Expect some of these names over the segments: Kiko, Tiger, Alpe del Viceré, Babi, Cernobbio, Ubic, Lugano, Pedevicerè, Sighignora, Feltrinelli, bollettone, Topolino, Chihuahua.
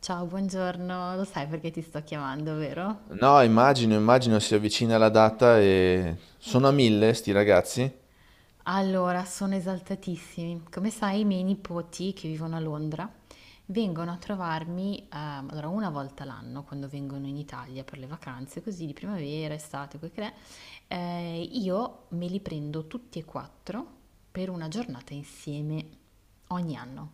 Ciao, buongiorno. Lo sai perché ti sto chiamando, vero? No, immagino si avvicina la data e sono a mille sti ragazzi Allora, sono esaltatissimi. Come sai, i miei nipoti che vivono a Londra vengono a trovarmi, allora una volta l'anno quando vengono in Italia per le vacanze, così di primavera, estate, quel che è, io me li prendo tutti e quattro per una giornata insieme ogni anno.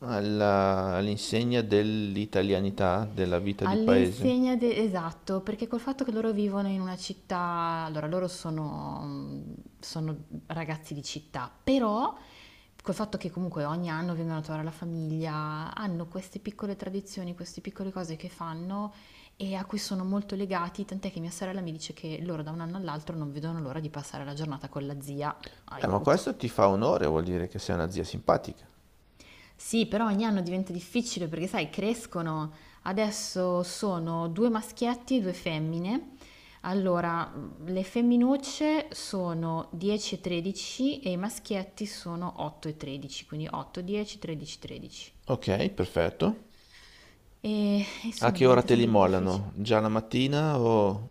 all'insegna dell'italianità, della vita di paese. All'insegna de esatto, perché col fatto che loro vivono in una città, allora loro sono ragazzi di città, però col fatto che comunque ogni anno vengono a trovare la famiglia, hanno queste piccole tradizioni, queste piccole cose che fanno e a cui sono molto legati, tant'è che mia sorella mi dice che loro da un anno all'altro non vedono l'ora di passare la giornata con la zia, Ma questo aiuto. ti fa onore, vuol dire che sei una zia simpatica. Sì, però ogni anno diventa difficile perché, sai, crescono. Adesso sono due maschietti e due femmine. Allora, le femminucce sono 10 e 13 e i maschietti sono 8 e 13, quindi 8, 10, 13, 13. Ok, perfetto. E A insomma che ora diventa te li sempre più difficile. mollano? Già la mattina o...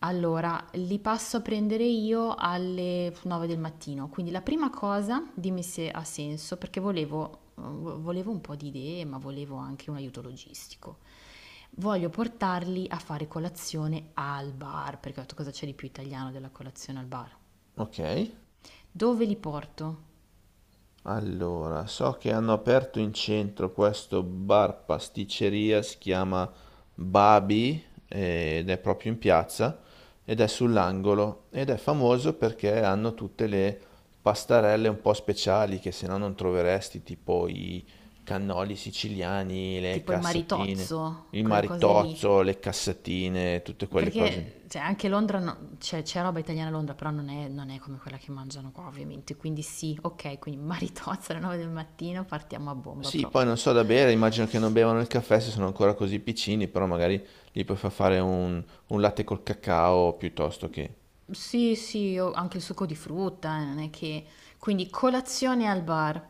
Allora, li passo a prendere io alle 9 del mattino, quindi la prima cosa, dimmi se ha senso, perché volevo un po' di idee, ma volevo anche un aiuto logistico. Voglio portarli a fare colazione al bar, perché ho detto cosa c'è di più italiano della colazione al bar. Ok. Dove li porto? Allora, so che hanno aperto in centro questo bar pasticceria, si chiama Babi, ed è proprio in piazza ed è sull'angolo ed è famoso perché hanno tutte le pastarelle un po' speciali che se no non troveresti, tipo i cannoli siciliani, le Tipo il cassatine, maritozzo, il quelle cose lì? maritozzo, le cassatine, tutte quelle cose. Perché cioè, anche Londra, no- cioè, c'è roba italiana a Londra, però non è come quella che mangiano qua, ovviamente. Quindi sì, ok, quindi maritozza alle 9 del mattino, partiamo a bomba Sì, poi proprio. non so da bere, immagino che non bevano il caffè se sono ancora così piccini, però magari gli puoi far fare un latte col cacao piuttosto che... Sì, sì, ho anche il succo di frutta, non è che... Quindi colazione al bar.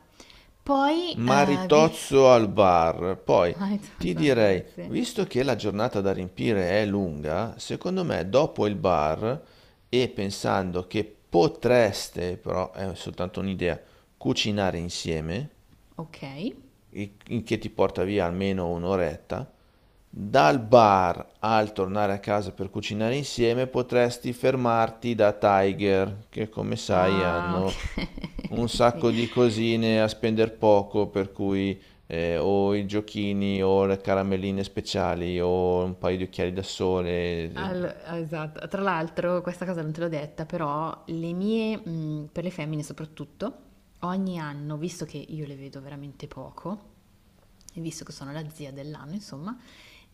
Poi, vi... Maritozzo al bar. Poi ti maritozza al bar, direi, sì. visto che la giornata da riempire è lunga, secondo me dopo il bar e pensando che potreste, però è soltanto un'idea, cucinare insieme, Ok. il che ti porta via almeno un'oretta. Dal bar al tornare a casa per cucinare insieme potresti fermarti da Tiger, che come sai Ah, ok, hanno un sì. sacco di cosine a spendere poco, per cui o i giochini o le caramelline speciali o un paio di occhiali da sole, eh. Al- esatto. Tra l'altro, questa cosa non te l'ho detta, però le mie, per le femmine soprattutto, ogni anno, visto che io le vedo veramente poco, e visto che sono la zia dell'anno, insomma,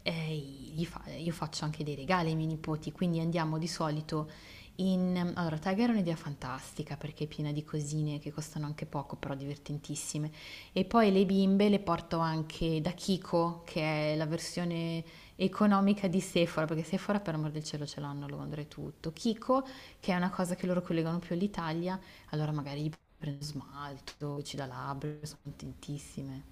gli fa- io faccio anche dei regali ai miei nipoti, quindi andiamo di solito in... Allora, Tiger è un'idea fantastica perché è piena di cosine che costano anche poco, però divertentissime. E poi le bimbe le porto anche da Kiko, che è la versione economica di Sephora, perché Sephora per amor del cielo ce l'hanno a Londra e tutto. Kiko, che è una cosa che loro collegano più all'Italia, allora magari gli prendo smalto, ci da labbra, sono contentissime.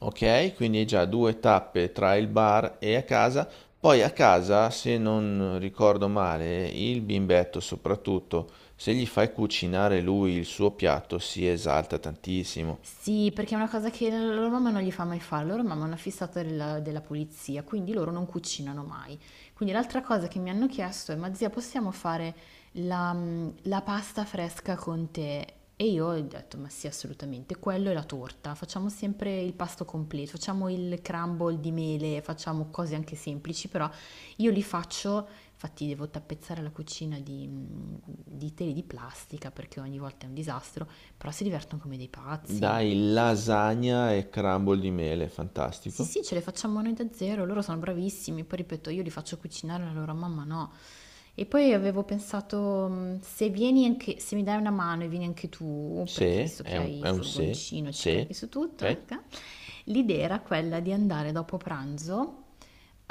Ok, quindi hai già due tappe tra il bar e a casa. Poi a casa, se non ricordo male, il bimbetto soprattutto, se gli fai cucinare lui il suo piatto, si esalta tantissimo. Sì, perché è una cosa che la loro mamma non gli fa mai fare, la loro mamma è una fissata della pulizia, quindi loro non cucinano mai. Quindi l'altra cosa che mi hanno chiesto è, ma zia, possiamo fare la pasta fresca con te? E io ho detto, ma sì, assolutamente, quello è la torta, facciamo sempre il pasto completo, facciamo il crumble di mele, facciamo cose anche semplici, però io li faccio, infatti devo tappezzare la cucina di, di tele di plastica perché ogni volta è un disastro, però si divertono come dei pazzi. Dai, lasagna e crumble di mele, Sì, fantastico. sì, ce le facciamo noi da zero, loro sono bravissimi, poi ripeto, io li faccio cucinare, la loro mamma no. E poi avevo pensato, se vieni anche, se mi dai una mano e vieni anche tu, perché Se, visto è che un, hai il è un se, furgoncino, ci carichi su tutto, ok? ecco, l'idea era quella di andare dopo pranzo.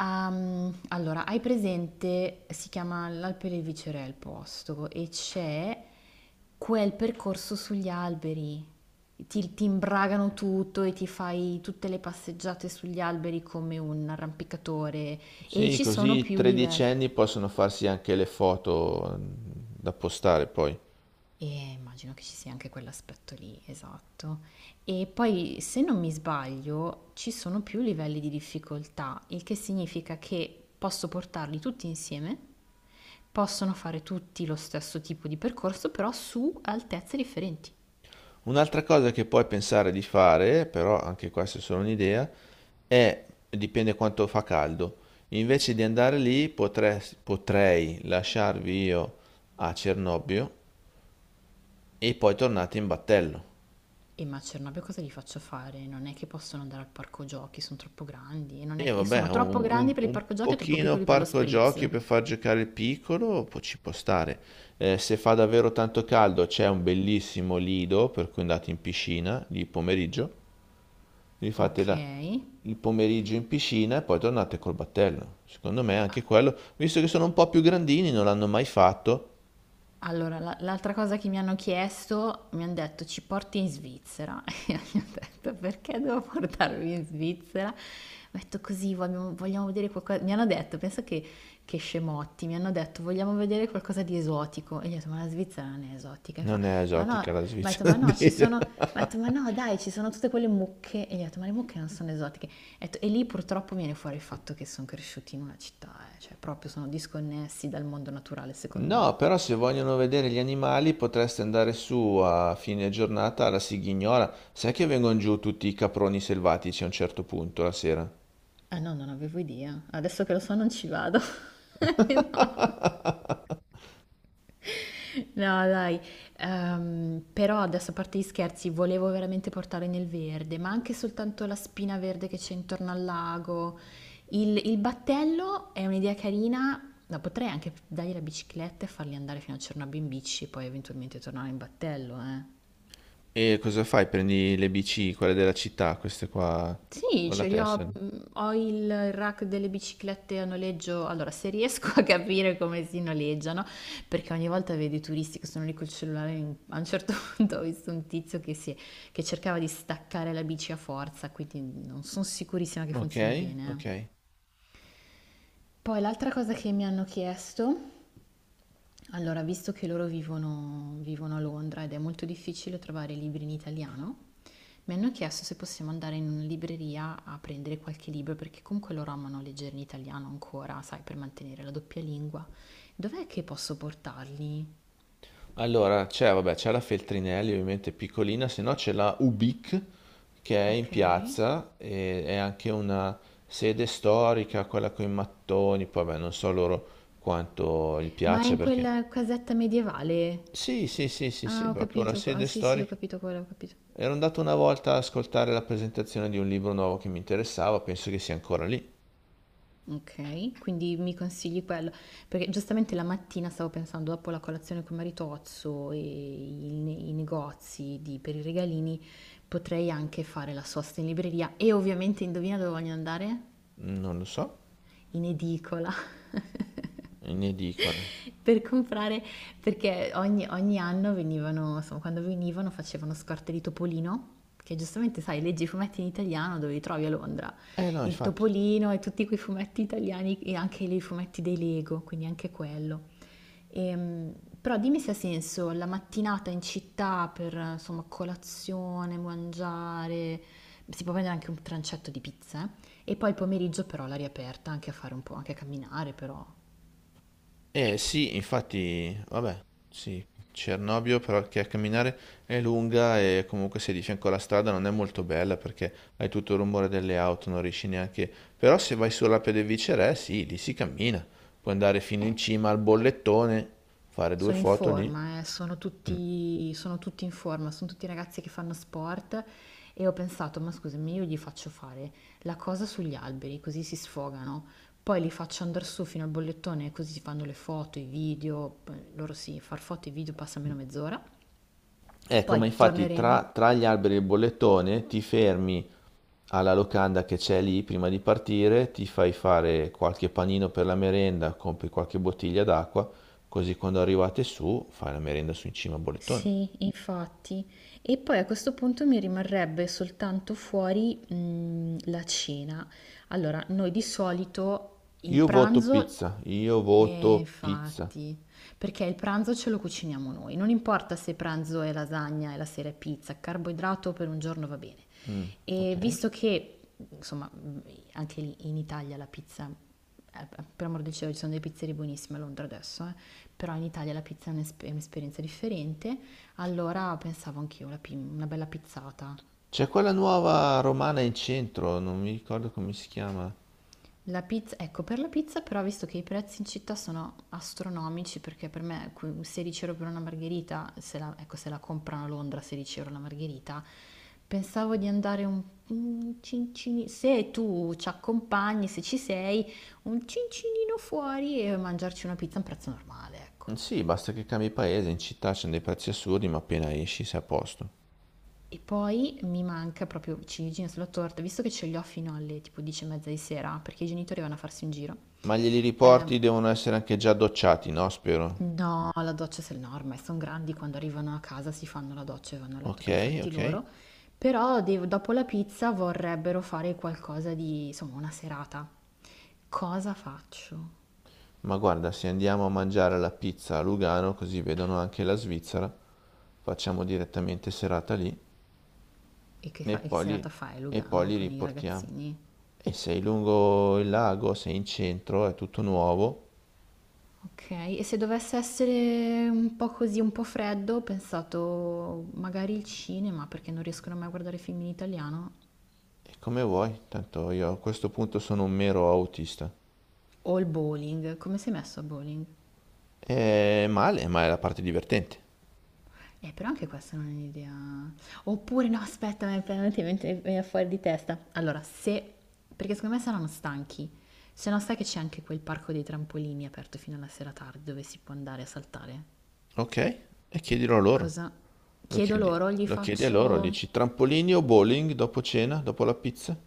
Allora, hai presente, si chiama l'Alpe del Viceré il posto e c'è quel percorso sugli alberi. Ti imbragano tutto e ti fai tutte le passeggiate sugli alberi come un arrampicatore e Sì, ci sono così i più livelli. tredicenni possono farsi anche le foto, mm, da postare poi. E immagino che ci sia anche quell'aspetto lì, esatto. E poi, se non mi sbaglio, ci sono più livelli di difficoltà, il che significa che posso portarli tutti insieme, possono fare tutti lo stesso tipo di percorso, però su altezze differenti. Un'altra cosa che puoi pensare di fare, però anche questa è solo un'idea, è, dipende quanto fa caldo, invece di andare lì potrei lasciarvi io a Cernobbio e poi tornate in battello. E ma a Cernobbio cosa gli faccio fare? Non è che possono andare al parco giochi, sono troppo grandi, e non E è- che... e vabbè, sono troppo un, un- grandi per il un parco giochi e troppo pochino piccoli per lo parco giochi spritz. per far giocare il piccolo ci può stare. Se fa davvero tanto caldo c'è un bellissimo lido per cui andate in piscina di pomeriggio. Vi fate Ok, la- il pomeriggio in piscina e poi tornate col battello. Secondo me anche quello, visto che sono un po' più grandini, non l'hanno mai fatto. allora, la- l'altra cosa che mi hanno chiesto, mi hanno detto ci porti in Svizzera. E io gli ho detto perché devo portarvi in Svizzera? Ho detto così, vogliamo vedere qualcosa. Mi hanno detto, pensa che scemotti, mi hanno detto vogliamo vedere qualcosa di esotico. E gli ho detto ma la Svizzera non è esotica. E fa, Non è ma no, ma esotica la ho detto Svizzera, ma no, ci dire. sono, ma ho detto ma no dai, ci sono tutte quelle mucche. E gli ho detto ma le mucche non sono esotiche. Ho detto, e lì purtroppo viene fuori il fatto che sono cresciuti in una città, cioè proprio sono disconnessi dal mondo naturale secondo me. No, però se vogliono vedere gli animali potreste andare su a fine giornata alla Sighignora. Sai che vengono giù tutti i caproni selvatici a un certo punto la sera? Ah no, non avevo idea. Adesso che lo so non ci vado. No, dai. Però adesso a parte gli scherzi, volevo veramente portare nel verde, ma anche soltanto la spina verde che c'è intorno al lago. Il battello è un'idea carina. No, potrei anche dargli la bicicletta e farli andare fino a Cernobbio in bici e poi eventualmente tornare in battello, eh. E cosa fai? Prendi le bici, quelle della città, queste qua, Sì, con la ce li ho. tessera. Ho il rack delle biciclette a noleggio. Allora, se riesco a capire come si noleggiano, perché ogni volta vedi i turisti che sono lì col cellulare. A un certo punto ho visto un tizio che, che cercava di staccare la bici a forza, quindi non sono sicurissima che Ok, funzioni bene. ok. Poi l'altra cosa che mi hanno chiesto, allora, visto che loro vivono a Londra ed è molto difficile trovare libri in italiano, mi hanno chiesto se possiamo andare in una libreria a prendere qualche libro perché comunque loro amano leggere in italiano ancora, sai, per mantenere la doppia lingua. Dov'è che posso portarli? Allora, c'è, vabbè, c'è la Feltrinelli, ovviamente piccolina, se no c'è la Ubic, che è in Ok. piazza e è anche una sede storica, quella con i mattoni, poi vabbè, non so loro quanto gli Ma piace in perché... quella casetta medievale? Sì, sì, sì, sì, sì, Ah, ho proprio una capito. Ah, sede sì, sì, ho storica. capito quello, ho capito. Ero andato una volta ad ascoltare la presentazione di un libro nuovo che mi interessava, penso che sia ancora lì, Ok, quindi mi consigli quello, perché giustamente la mattina stavo pensando, dopo la colazione con Maritozzo e i per i regalini, potrei anche fare la sosta in libreria e ovviamente indovina dove voglio andare? non lo so, In edicola in edicola. per comprare, perché ogni anno venivano, insomma, quando venivano facevano scorte di topolino, che giustamente sai, leggi i fumetti in italiano dove li trovi a Londra, Eh no, il infatti. topolino e tutti quei fumetti italiani e anche i fumetti dei Lego, quindi anche quello. Ehm, Però dimmi se ha senso la mattinata in città per, insomma, colazione, mangiare, si può prendere anche un trancetto di pizza, eh? E poi il pomeriggio però all'aria aperta, anche a fare un po', anche a camminare però. Eh sì, infatti, vabbè, sì, Cernobbio perché a camminare è lunga e comunque se di fianco alla strada non è molto bella perché hai tutto il rumore delle auto, non riesci neanche... Però se vai sulla Pedevicerè, sì, lì si cammina. Puoi andare fino Eh, in cima al bollettone, fare due Sono in foto lì. forma, Mm. Sono tutti in forma, sono tutti ragazzi che fanno sport e ho pensato, ma scusami, io gli faccio fare la cosa sugli alberi, così si sfogano, poi li faccio andare su fino al bollettone, così si fanno le foto, i video, poi loro sì, far foto e video passa almeno mezz'ora, Ecco, poi ma infatti tra, torneremo. tra gli alberi e il bollettone ti fermi alla locanda che c'è lì prima di partire, ti fai fare qualche panino per la merenda, compri qualche bottiglia d'acqua, così quando arrivate su fai la merenda su in cima a bollettone. Sì, infatti. E poi a questo punto mi rimarrebbe soltanto fuori, la cena. Allora, noi di solito il Io voto pranzo. pizza, io voto pizza. Infatti, perché il pranzo ce lo cuciniamo noi, non importa se pranzo è lasagna e la sera è pizza, carboidrato per un giorno va bene. Mm, E ok. visto che, insomma, anche lì in Italia la pizza, per amor del cielo, ci sono delle pizzerie buonissime a Londra adesso, però in Italia la pizza è un'esperienza differente, allora pensavo anch'io una bella pizzata. C'è quella nuova romana in centro, non mi ricordo come si chiama. La pizza, ecco, per la pizza però, visto che i prezzi in città sono astronomici, perché per me que- 16 € per una margherita, se la, ecco, se la comprano a Londra 16 € la margherita, pensavo di andare un cincini, se tu ci accompagni, se ci sei, un cincinino fuori e mangiarci una pizza a un prezzo normale, ecco. Mm, sì, basta che cambi paese, in città c'è dei prezzi assurdi, ma appena esci sei a posto. E poi mi manca proprio ciliegina sulla torta, visto che ce li ho fino alle tipo 10 e mezza di sera, perché i genitori vanno a farsi un giro. Ma glieli Ehm, riporti, devono essere anche già docciati, no? Spero. No, la doccia se no, ormai sono grandi, quando arrivano a casa si fanno la doccia e vanno a letto Ok, per i fatti ok. loro, però dopo la pizza vorrebbero fare qualcosa di, insomma, una serata. Cosa faccio? Ma guarda, se andiamo a mangiare la pizza a Lugano, così vedono anche la Svizzera, facciamo direttamente serata lì E che, e e che poi serata li, fai, e poi Lugano, li con i riportiamo. ragazzini? E sei lungo il lago, sei in centro, è tutto nuovo. Ok, e se dovesse essere un po' così, un po' freddo, ho pensato magari il cinema, perché non riescono mai a guardare film in italiano, E come vuoi, tanto io a questo punto sono un mero autista. o il bowling, come sei messo a bowling? È male, ma è la parte divertente. Però anche questa non è un'idea. Oppure no, aspetta, mi è venuta in mente- mi viene fuori di testa. Allora, se... Perché secondo me saranno stanchi. Se no sai che c'è anche quel parco dei trampolini aperto fino alla sera tardi dove si può andare a saltare. Ok? E chiedilo a loro. Cosa? Lo Chiedo chiedi, loro, gli lo chiedi a loro, faccio... dici trampolini o bowling dopo cena, dopo la pizza?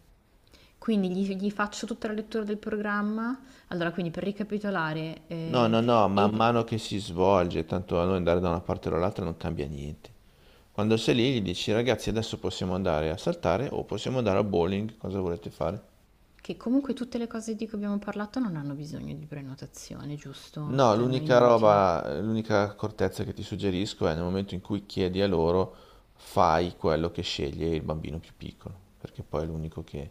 Quindi gli faccio tutta la lettura del programma. Allora, quindi per ricapitolare, No, no, no, man e- mano che si svolge, tanto a noi andare da una parte o dall'altra non cambia niente. Quando sei lì gli dici: ragazzi, adesso possiamo andare a saltare o possiamo andare a bowling, cosa volete fare? che comunque tutte le cose di cui abbiamo parlato non hanno bisogno di prenotazione, giusto? No, Cioè, non è l'unica inutile. roba, l'unica accortezza che ti suggerisco è nel momento in cui chiedi a loro, fai quello che sceglie il bambino più piccolo, perché poi è l'unico che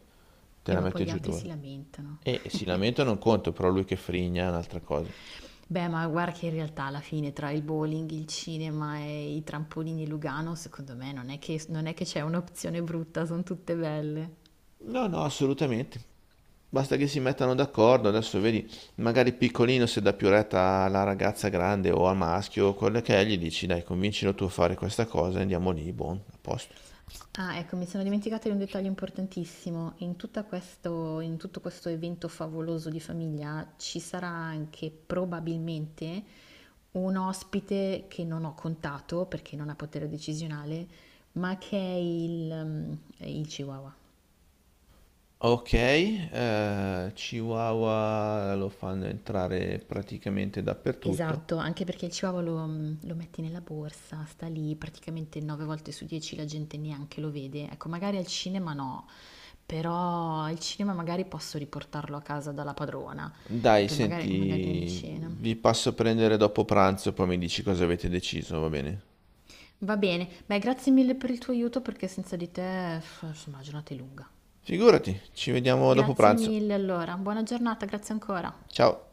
te la Ma poi mette gli giù altri dura. si lamentano. E si lamenta non conto, però lui che frigna è un'altra cosa. Beh, ma guarda che in realtà alla fine tra il bowling, il cinema e i trampolini Lugano, secondo me non è che c'è un'opzione brutta, sono tutte belle. No, no, assolutamente. Basta che si mettano d'accordo, adesso vedi, magari piccolino se dà più retta alla ragazza grande o al maschio, quello che è, gli dici, dai, convincilo tu a fare questa cosa, andiamo lì, buon, a posto. Ah, ecco, mi sono dimenticata di un dettaglio importantissimo. In tutto questo evento favoloso di famiglia ci sarà anche probabilmente un ospite che non ho contato perché non ha potere decisionale, ma che è il Chihuahua. Ok, Chihuahua lo fanno entrare praticamente dappertutto. Esatto, anche perché il Chihuahua lo metti nella borsa, sta lì, praticamente 9 volte su 10 la gente neanche lo vede. Ecco, magari al cinema no, però al cinema magari posso riportarlo a casa dalla padrona, Dai, per magari prima di senti, cena. vi passo a prendere dopo pranzo, poi mi dici cosa avete deciso, va bene? Va bene, beh, grazie mille per il tuo aiuto perché senza di te, insomma, la giornata è lunga. Figurati, ci vediamo dopo Grazie pranzo. mille allora, buona giornata, grazie ancora. Ciao.